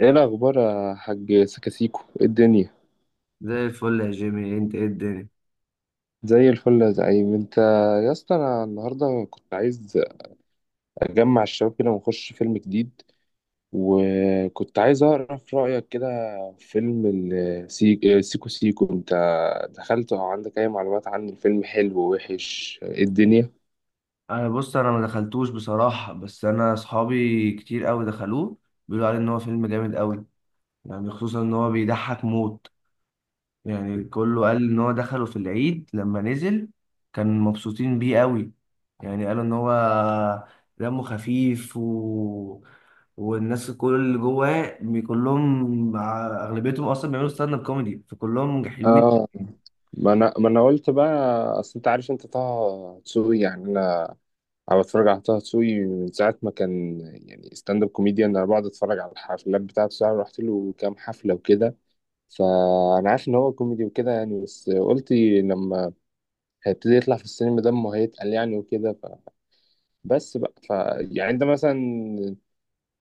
ايه الاخبار يا حاج سكاسيكو؟ إيه الدنيا؟ زي الفل يا جيمي، انت ايه الدنيا؟ زي الفل يا زعيم. انت، يا اسطى، انا النهارده كنت عايز اجمع الشباب كده ونخش فيلم جديد، وكنت عايز اعرف رايك كده في فيلم سيكو سيكو. انت دخلت او عندك اي معلومات عن الفيلم؟ حلو وحش؟ إيه الدنيا؟ انا بص ما دخلتوش بصراحه، بس انا اصحابي كتير قوي دخلوه. بيقولوا عليه ان هو فيلم جامد قوي، يعني خصوصا ان هو بيضحك موت. يعني كله قال ان هو دخله في العيد لما نزل، كان مبسوطين بيه قوي. يعني قالوا ان هو دمه خفيف. والناس كل اللي جواه كلهم اغلبيتهم اصلا بيعملوا ستاند اب كوميدي، فكلهم حلوين. اه، ما انا قلت بقى، اصل انت عارف انت طه دسوقي يعني. أنا بتفرج على طه دسوقي من ساعة ما كان يعني ستاند اب كوميديان، أنا بقعد أتفرج على الحفلات بتاعته، ساعة رحت له كام حفلة وكده، فأنا عارف إن هو كوميدي وكده يعني. بس قلت لما هيبتدي يطلع في السينما دمه هيتقل يعني وكده بس بقى يعني أنت مثلا،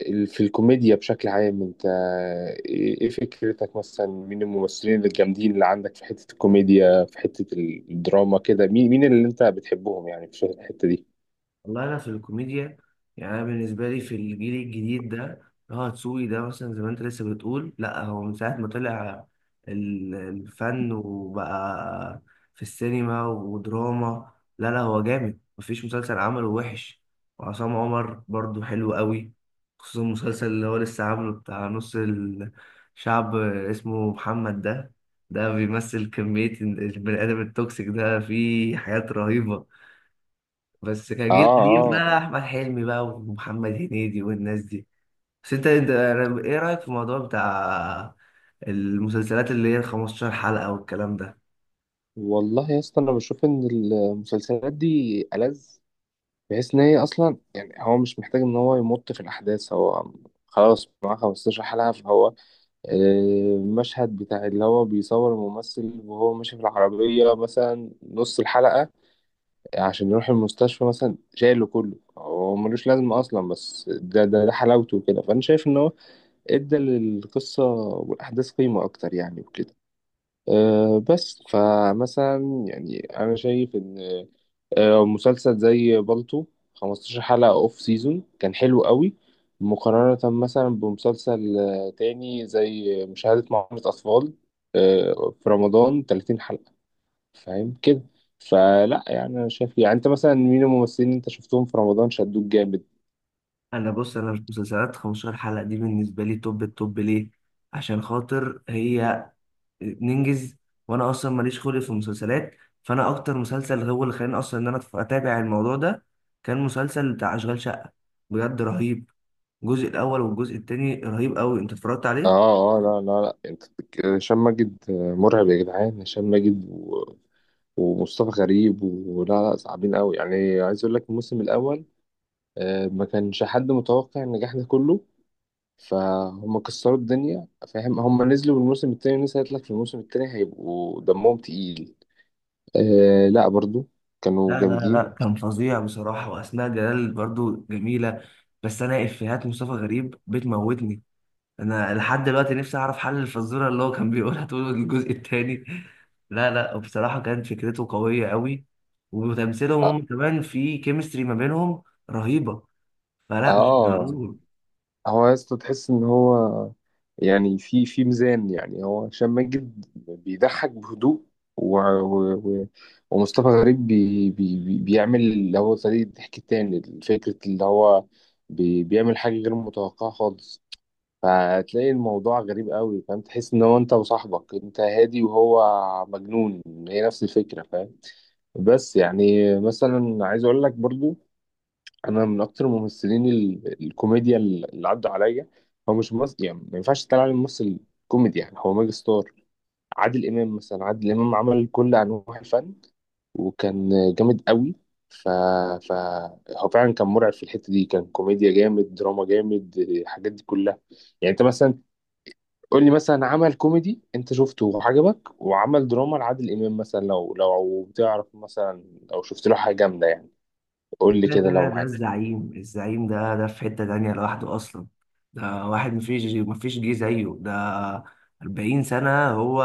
في الكوميديا بشكل عام، أنت إيه فكرتك؟ مثلا مين الممثلين الجامدين اللي عندك في حتة الكوميديا، في حتة الدراما كده؟ مين اللي أنت بتحبهم يعني في الحتة دي؟ والله انا في الكوميديا، يعني انا بالنسبه لي في الجيل الجديد ده، اللي هو هتسوقي ده، مثلا زي ما انت لسه بتقول، لا هو من ساعه ما طلع الفن وبقى في السينما ودراما، لا لا هو جامد، مفيش مسلسل عمله وحش. وعصام عمر برضو حلو قوي، خصوصا المسلسل اللي هو لسه عامله بتاع نص الشعب، اسمه محمد ده. ده بيمثل كمية البني آدم التوكسيك، ده فيه حاجات رهيبة. بس كان آه جيل قديم بقى، آه، احمد حلمي بقى، ومحمد هنيدي والناس دي. بس انت انت- ايه رايك في الموضوع بتاع المسلسلات اللي هي ال 15 حلقه والكلام ده؟ والله يا اسطى انا بشوف ان المسلسلات دي ألذ، بحيث ان هي اصلا يعني هو مش محتاج ان هو يمط في الاحداث، هو خلاص معاه 15 حلقة. فهو آه، المشهد بتاع اللي هو بيصور الممثل وهو ماشي في العربية مثلا نص الحلقة عشان يروح المستشفى مثلا، شايله كله، هو ملوش لازمة أصلا، بس ده حلاوته كده. فأنا شايف إن هو إدى للقصة والأحداث قيمة أكتر يعني وكده. بس فمثلا يعني انا شايف ان مسلسل زي بالطو 15 حلقة اوف سيزون كان حلو قوي، مقارنة مثلا بمسلسل تاني زي مشاهدة معاملة أطفال في رمضان 30 حلقة. فاهم كده؟ فلا يعني انا شايف، يعني انت مثلا مين الممثلين اللي انت شفتهم في رمضان شدوك جامد؟ انا بص مش مسلسلات 15 حلقه دي بالنسبه لي توب التوب ليه؟ عشان خاطر هي ننجز، وانا اصلا ماليش خلق في المسلسلات. فانا اكتر مسلسل هو اللي خلاني اصلا ان انا اتابع الموضوع ده كان مسلسل بتاع اشغال شقه، بجد رهيب. الجزء الاول والجزء التاني رهيب قوي. انت اتفرجت عليه؟ اه اه، لا لا لا، انت هشام ماجد مرعب يا جدعان! هشام ماجد ومصطفى غريب، ولا لا، صعبين قوي يعني. عايز اقول لك الموسم الاول ما كانش حد متوقع النجاح ده كله، فهم كسروا الدنيا. فاهم؟ هم نزلوا بالموسم التاني، لسه قالت لك في الموسم التاني هيبقوا دمهم تقيل. آه لا، برضو كانوا لا لا جامدين. لا، كان فظيع بصراحة، وأسماء جلال برضو جميلة. بس أنا إفيهات مصطفى غريب بتموتني، أنا لحد دلوقتي نفسي أعرف حل الفزورة اللي هو كان بيقولها طول الجزء التاني. لا لا، وبصراحة كانت فكرته قوية قوي، وتمثيلهم اه هم كمان، في كيمستري ما بينهم رهيبة. فلا مش آه، معقول. هو يا اسطى تحس ان هو يعني في ميزان، يعني هو هشام ماجد بيضحك بهدوء، و... و... و... ومصطفى غريب بيعمل اللي هو طريقة الضحك التاني، فكرة اللي هو بيعمل حاجة غير متوقعة خالص. فتلاقي الموضوع غريب قوي، فاهم؟ تحس ان هو انت وصاحبك، انت هادي وهو مجنون، هي نفس الفكرة، فاهم؟ بس يعني مثلا عايز اقول لك برضو، انا من اكتر الممثلين الكوميديا اللي عدوا عليا، هو مش ممثل يعني، ما ينفعش تتقال عليه ممثل كوميدي يعني، هو ميجا ستار. عادل امام مثلا، عادل امام عمل كل انواع الفن وكان جامد قوي. ف... ف هو فعلا كان مرعب في الحته دي، كان كوميديا جامد، دراما جامد، الحاجات دي كلها. يعني انت مثلا قول لي مثلا عمل كوميدي انت شفته وعجبك، وعمل دراما لعادل امام مثلا، لو بتعرف مثلا، او شفت له حاجه جامده يعني، قول لي كده كده كده لو ده معاك. الزعيم، الزعيم ده في حتة تانية لوحده أصلا. ده واحد مفيش جه زيه. ده 40 سنة هو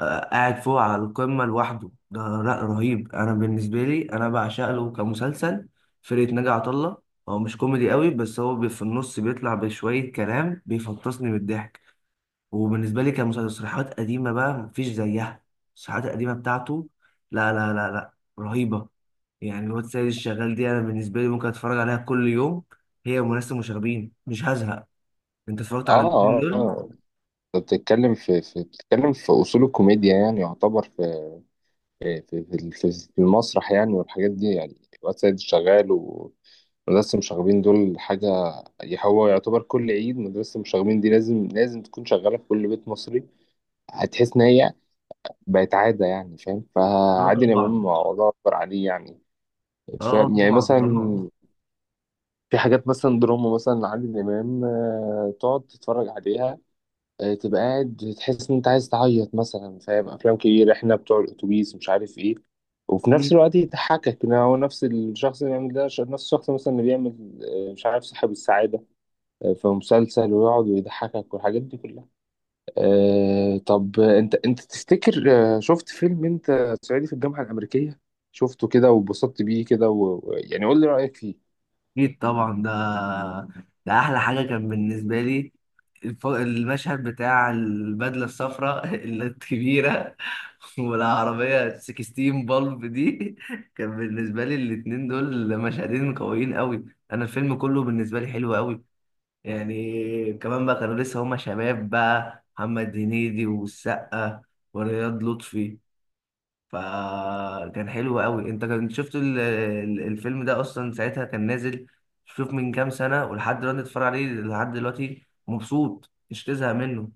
قاعد فوق على القمة لوحده. ده لا رهيب. أنا بالنسبة لي أنا بعشق له كمسلسل فرقة ناجي عطا الله. هو مش كوميدي قوي، بس هو في النص بيطلع بشوية كلام بيفطسني من الضحك. وبالنسبة لي كمسرحيات قديمة بقى مفيش زيها، المسرحيات القديمة بتاعته، لا لا لا لا رهيبة. يعني الواد سيد الشغال دي أنا بالنسبة لي ممكن أتفرج عليها كل يوم، هي وناس المشاغبين، مش هزهق. أنت اتفرجت على اه الاتنين اه دول؟ آه، بتتكلم في اصول الكوميديا يعني، يعتبر في في, في المسرح يعني والحاجات دي يعني. واد سيد الشغال ومدرسة المشاغبين دول حاجة، هو يعتبر كل عيد مدرسة المشاغبين دي لازم لازم تكون شغالة في كل بيت مصري. هتحس إن هي بقت عادة يعني، فاهم؟ اه فعادل إمام طبعا. الله أكبر عليه يعني. اه، آه، فاهم يعني؟ طبعا مثلا طبعا. في حاجات مثلا دراما مثلا لعادل إمام تقعد تتفرج عليها تبقى قاعد تحس ان انت عايز تعيط مثلا، فاهم؟ افلام كتير، احنا بتوع الاتوبيس مش عارف ايه، وفي نفس الوقت يضحكك ان هو نفس الشخص اللي بيعمل ده، نفس الشخص مثلا اللي بيعمل مش عارف صاحب السعادة في مسلسل، ويقعد ويضحكك والحاجات دي كلها. طب انت تفتكر، شفت فيلم انت صعيدي في الجامعة الأمريكية؟ شفته كده واتبسطت بيه كده يعني قول لي رأيك فيه. اكيد طبعا. ده احلى حاجه كان بالنسبه لي. المشهد بتاع البدله الصفراء الكبيره، والعربيه 16 بالب دي كان بالنسبه لي الاتنين دول مشهدين قويين قوي. انا الفيلم كله بالنسبه لي حلو قوي. يعني كمان بقى كانوا لسه هما شباب بقى، محمد هنيدي والسقا ورياض لطفي، فكان حلو قوي. انت كنت شفت الفيلم ده اصلا ساعتها كان نازل؟ شوف من كام سنة، ولحد دلوقتي اتفرج عليه، لحد دلوقتي مبسوط، مش تزهق منه.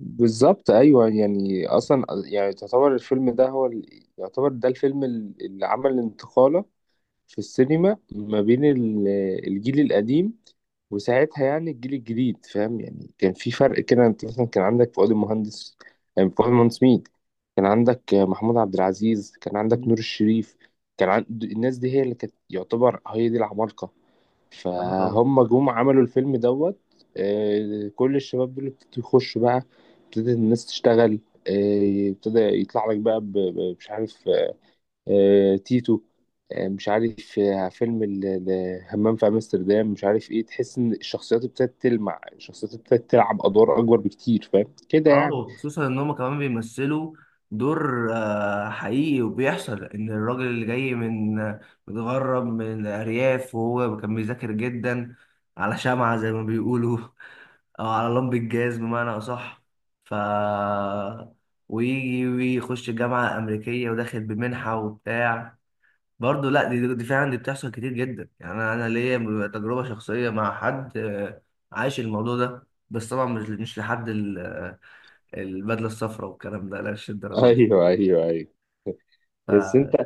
بالظبط، ايوه، يعني اصلا يعني تعتبر الفيلم ده هو يعتبر ده الفيلم اللي عمل انتقالة في السينما ما بين الجيل القديم وساعتها يعني الجيل الجديد، فاهم يعني؟ كان في فرق كده، انت مثلا كان عندك فؤاد المهندس، يعني فؤاد المهندس مين! كان عندك محمود عبد العزيز، كان عندك مم. نور الشريف. كان عند الناس دي، هي اللي كانت يعتبر هي دي العمالقة. اه طبعا. فهم جم عملوا الفيلم دوت. كل الشباب دول ابتدوا يخشوا بقى، ابتدت الناس تشتغل. ابتدى يطلع لك بقى مش عارف تيتو، مش عارف فيلم همام في امستردام، مش عارف ايه. تحس ان الشخصيات ابتدت تلمع، الشخصيات ابتدت تلعب ادوار اكبر بكتير، فاهم كده اه، يعني؟ وخصوصا ان هم كمان بيمثلوا دور حقيقي، وبيحصل ان الراجل اللي جاي متغرب من الارياف، وهو كان بيذاكر جدا على شمعة زي ما بيقولوا، او على لمب الجاز بمعنى اصح. ف ويجي ويخش جامعه امريكيه، وداخل بمنحه وبتاع. برضه لا، دي فعلا دي بتحصل كتير جدا. يعني انا ليا تجربه شخصيه مع حد، عايش الموضوع ده، بس طبعا مش لحد البدله الصفراء والكلام ده، لا مش الدرجه دي. ايوه ايوه ايوه. ف بس انت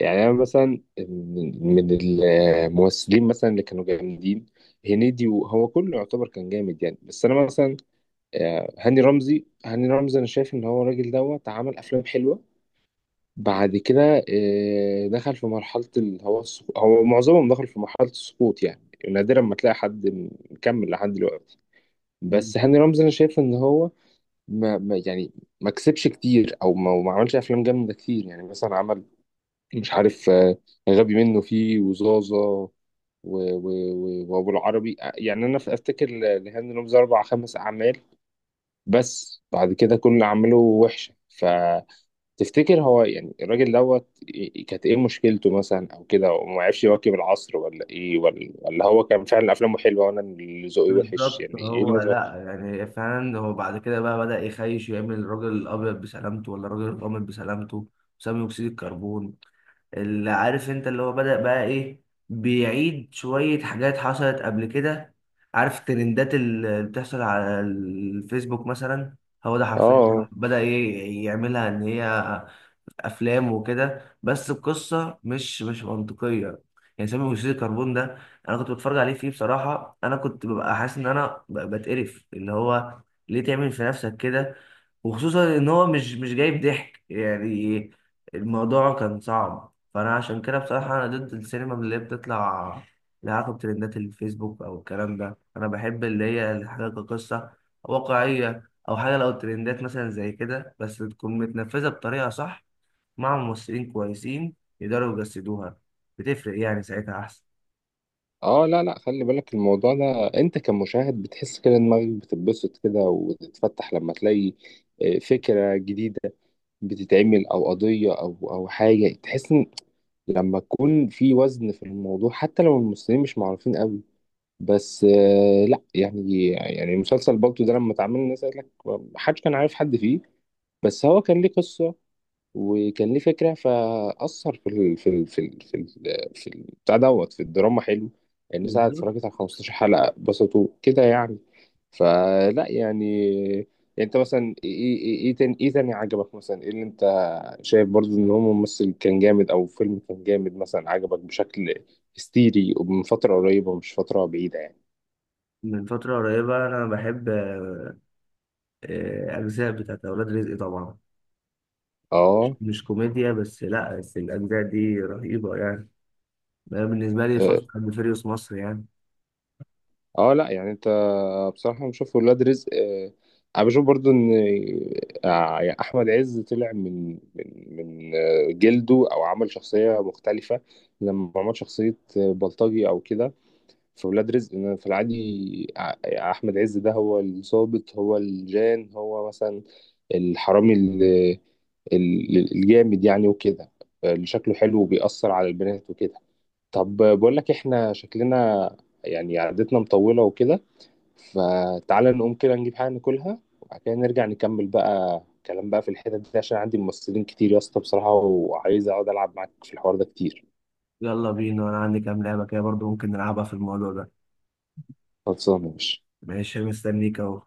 يعني انا مثلا من من الممثلين مثلا اللي كانوا جامدين، هنيدي وهو كله يعتبر كان جامد يعني. بس انا مثلا هاني رمزي، هاني رمزي انا شايف ان هو الراجل دوت عمل افلام حلوه. بعد كده دخل في مرحله هو معظمهم دخل في مرحله السقوط يعني. نادرا ما تلاقي حد مكمل لحد دلوقتي. بس هاني رمزي انا شايف ان هو يعني ما كسبش كتير، او ما ما عملش افلام جامده كتير يعني. مثلا مش عارف غبي منه فيه، وزازة، و- وأبو العربي. يعني أنا في أفتكر لهاني رمزي أربع خمس أعمال، بس بعد كده كل أعماله وحشة. فتفتكر هو يعني الراجل دوت كانت إيه مشكلته مثلا، أو كده وما عرفش يواكب العصر، ولا إيه، ولا هو كان فعلا أفلامه حلوة وأنا اللي ذوقي وحش بالظبط يعني؟ إيه اللي هو. أنا فاكره؟ لا يعني فعلا هو بعد كده بقى بدأ يخيش يعمل الراجل الابيض بسلامته ولا الراجل الغامق بسلامته، ثاني اكسيد الكربون، اللي عارف انت اللي هو بدأ بقى ايه، بيعيد شوية حاجات حصلت قبل كده. عارف الترندات اللي بتحصل على الفيسبوك مثلا؟ هو ده حرفيا آه بدأ ايه يعملها، ان هي افلام وكده، بس القصة مش منطقية. يعني سامي اكسيد الكربون ده، انا كنت بتفرج عليه فيه بصراحة، انا كنت ببقى حاسس ان انا بتقرف، اللي هو ليه تعمل في نفسك كده؟ وخصوصا ان هو مش جايب ضحك يعني. الموضوع كان صعب، فانا عشان كده بصراحه انا ضد السينما اللي هي بتطلع لها علاقه بترندات الفيسبوك او الكلام ده. انا بحب اللي هي الحاجه كقصه واقعيه، او حاجه لو ترندات مثلا زي كده بس تكون متنفذه بطريقه صح، مع ممثلين كويسين يقدروا يجسدوها، بتفرق يعني ساعتها احسن. اه، لا لا، خلي بالك الموضوع ده انت كمشاهد بتحس كده دماغك بتتبسط كده وتتفتح لما تلاقي فكرة جديدة بتتعمل، او قضية، او حاجة تحس ان لما تكون في وزن في الموضوع، حتى لو الممثلين مش معروفين قوي، بس لا يعني. يعني مسلسل بالطو ده لما اتعمل الناس قالت لك محدش كان عارف حد فيه، بس هو كان ليه قصة وكان ليه فكره، فاثر في ال في ال في ال في ال في ال- بتاع دوت في الدراما حلو. الناس قعدت بالظبط. اتفرجت على 15 حلقه بسطوا كده يعني. فلا يعني انت مثلا ايه ايه ايه إيه تاني ايه تاني عجبك مثلا؟ ايه اللي انت شايف برضو ان هو ممثل كان جامد، او فيلم كان جامد مثلا عجبك بشكل هستيري، ومن فتره قريبه مش فتره بعيده يعني؟ من فتره قريبه انا بحب اجزاء بتاعت اولاد رزق طبعا. اه مش كوميديا بس، لا بس الأجزاء دي رهيبة يعني. أنا بالنسبة لي فاست أند فيريوس مصر يعني. اه، لا يعني انت. بصراحة بشوف ولاد رزق، انا بشوف برضو ان يعني احمد عز طلع من جلده، او عمل شخصية مختلفة لما عمل شخصية بلطجي او كده في ولاد رزق. إن في العادي احمد عز ده هو الظابط هو الجان هو مثلا الحرامي الجامد يعني وكده، اللي شكله حلو وبيأثر على البنات وكده. طب بقول لك احنا شكلنا يعني عادتنا مطولة وكده، فتعالى نقوم كده نجيب حاجة ناكلها وبعد كده نرجع نكمل بقى كلام بقى في الحتت دي، عشان عندي ممثلين كتير يا اسطى بصراحة، وعايز اقعد العب معاك في الحوار ده كتير. يلا بينا، أنا عندي كام لعبة كده برضو ممكن نلعبها في الموضوع ده. خلصانة يا باشا. ماشي، مستنيك أهو.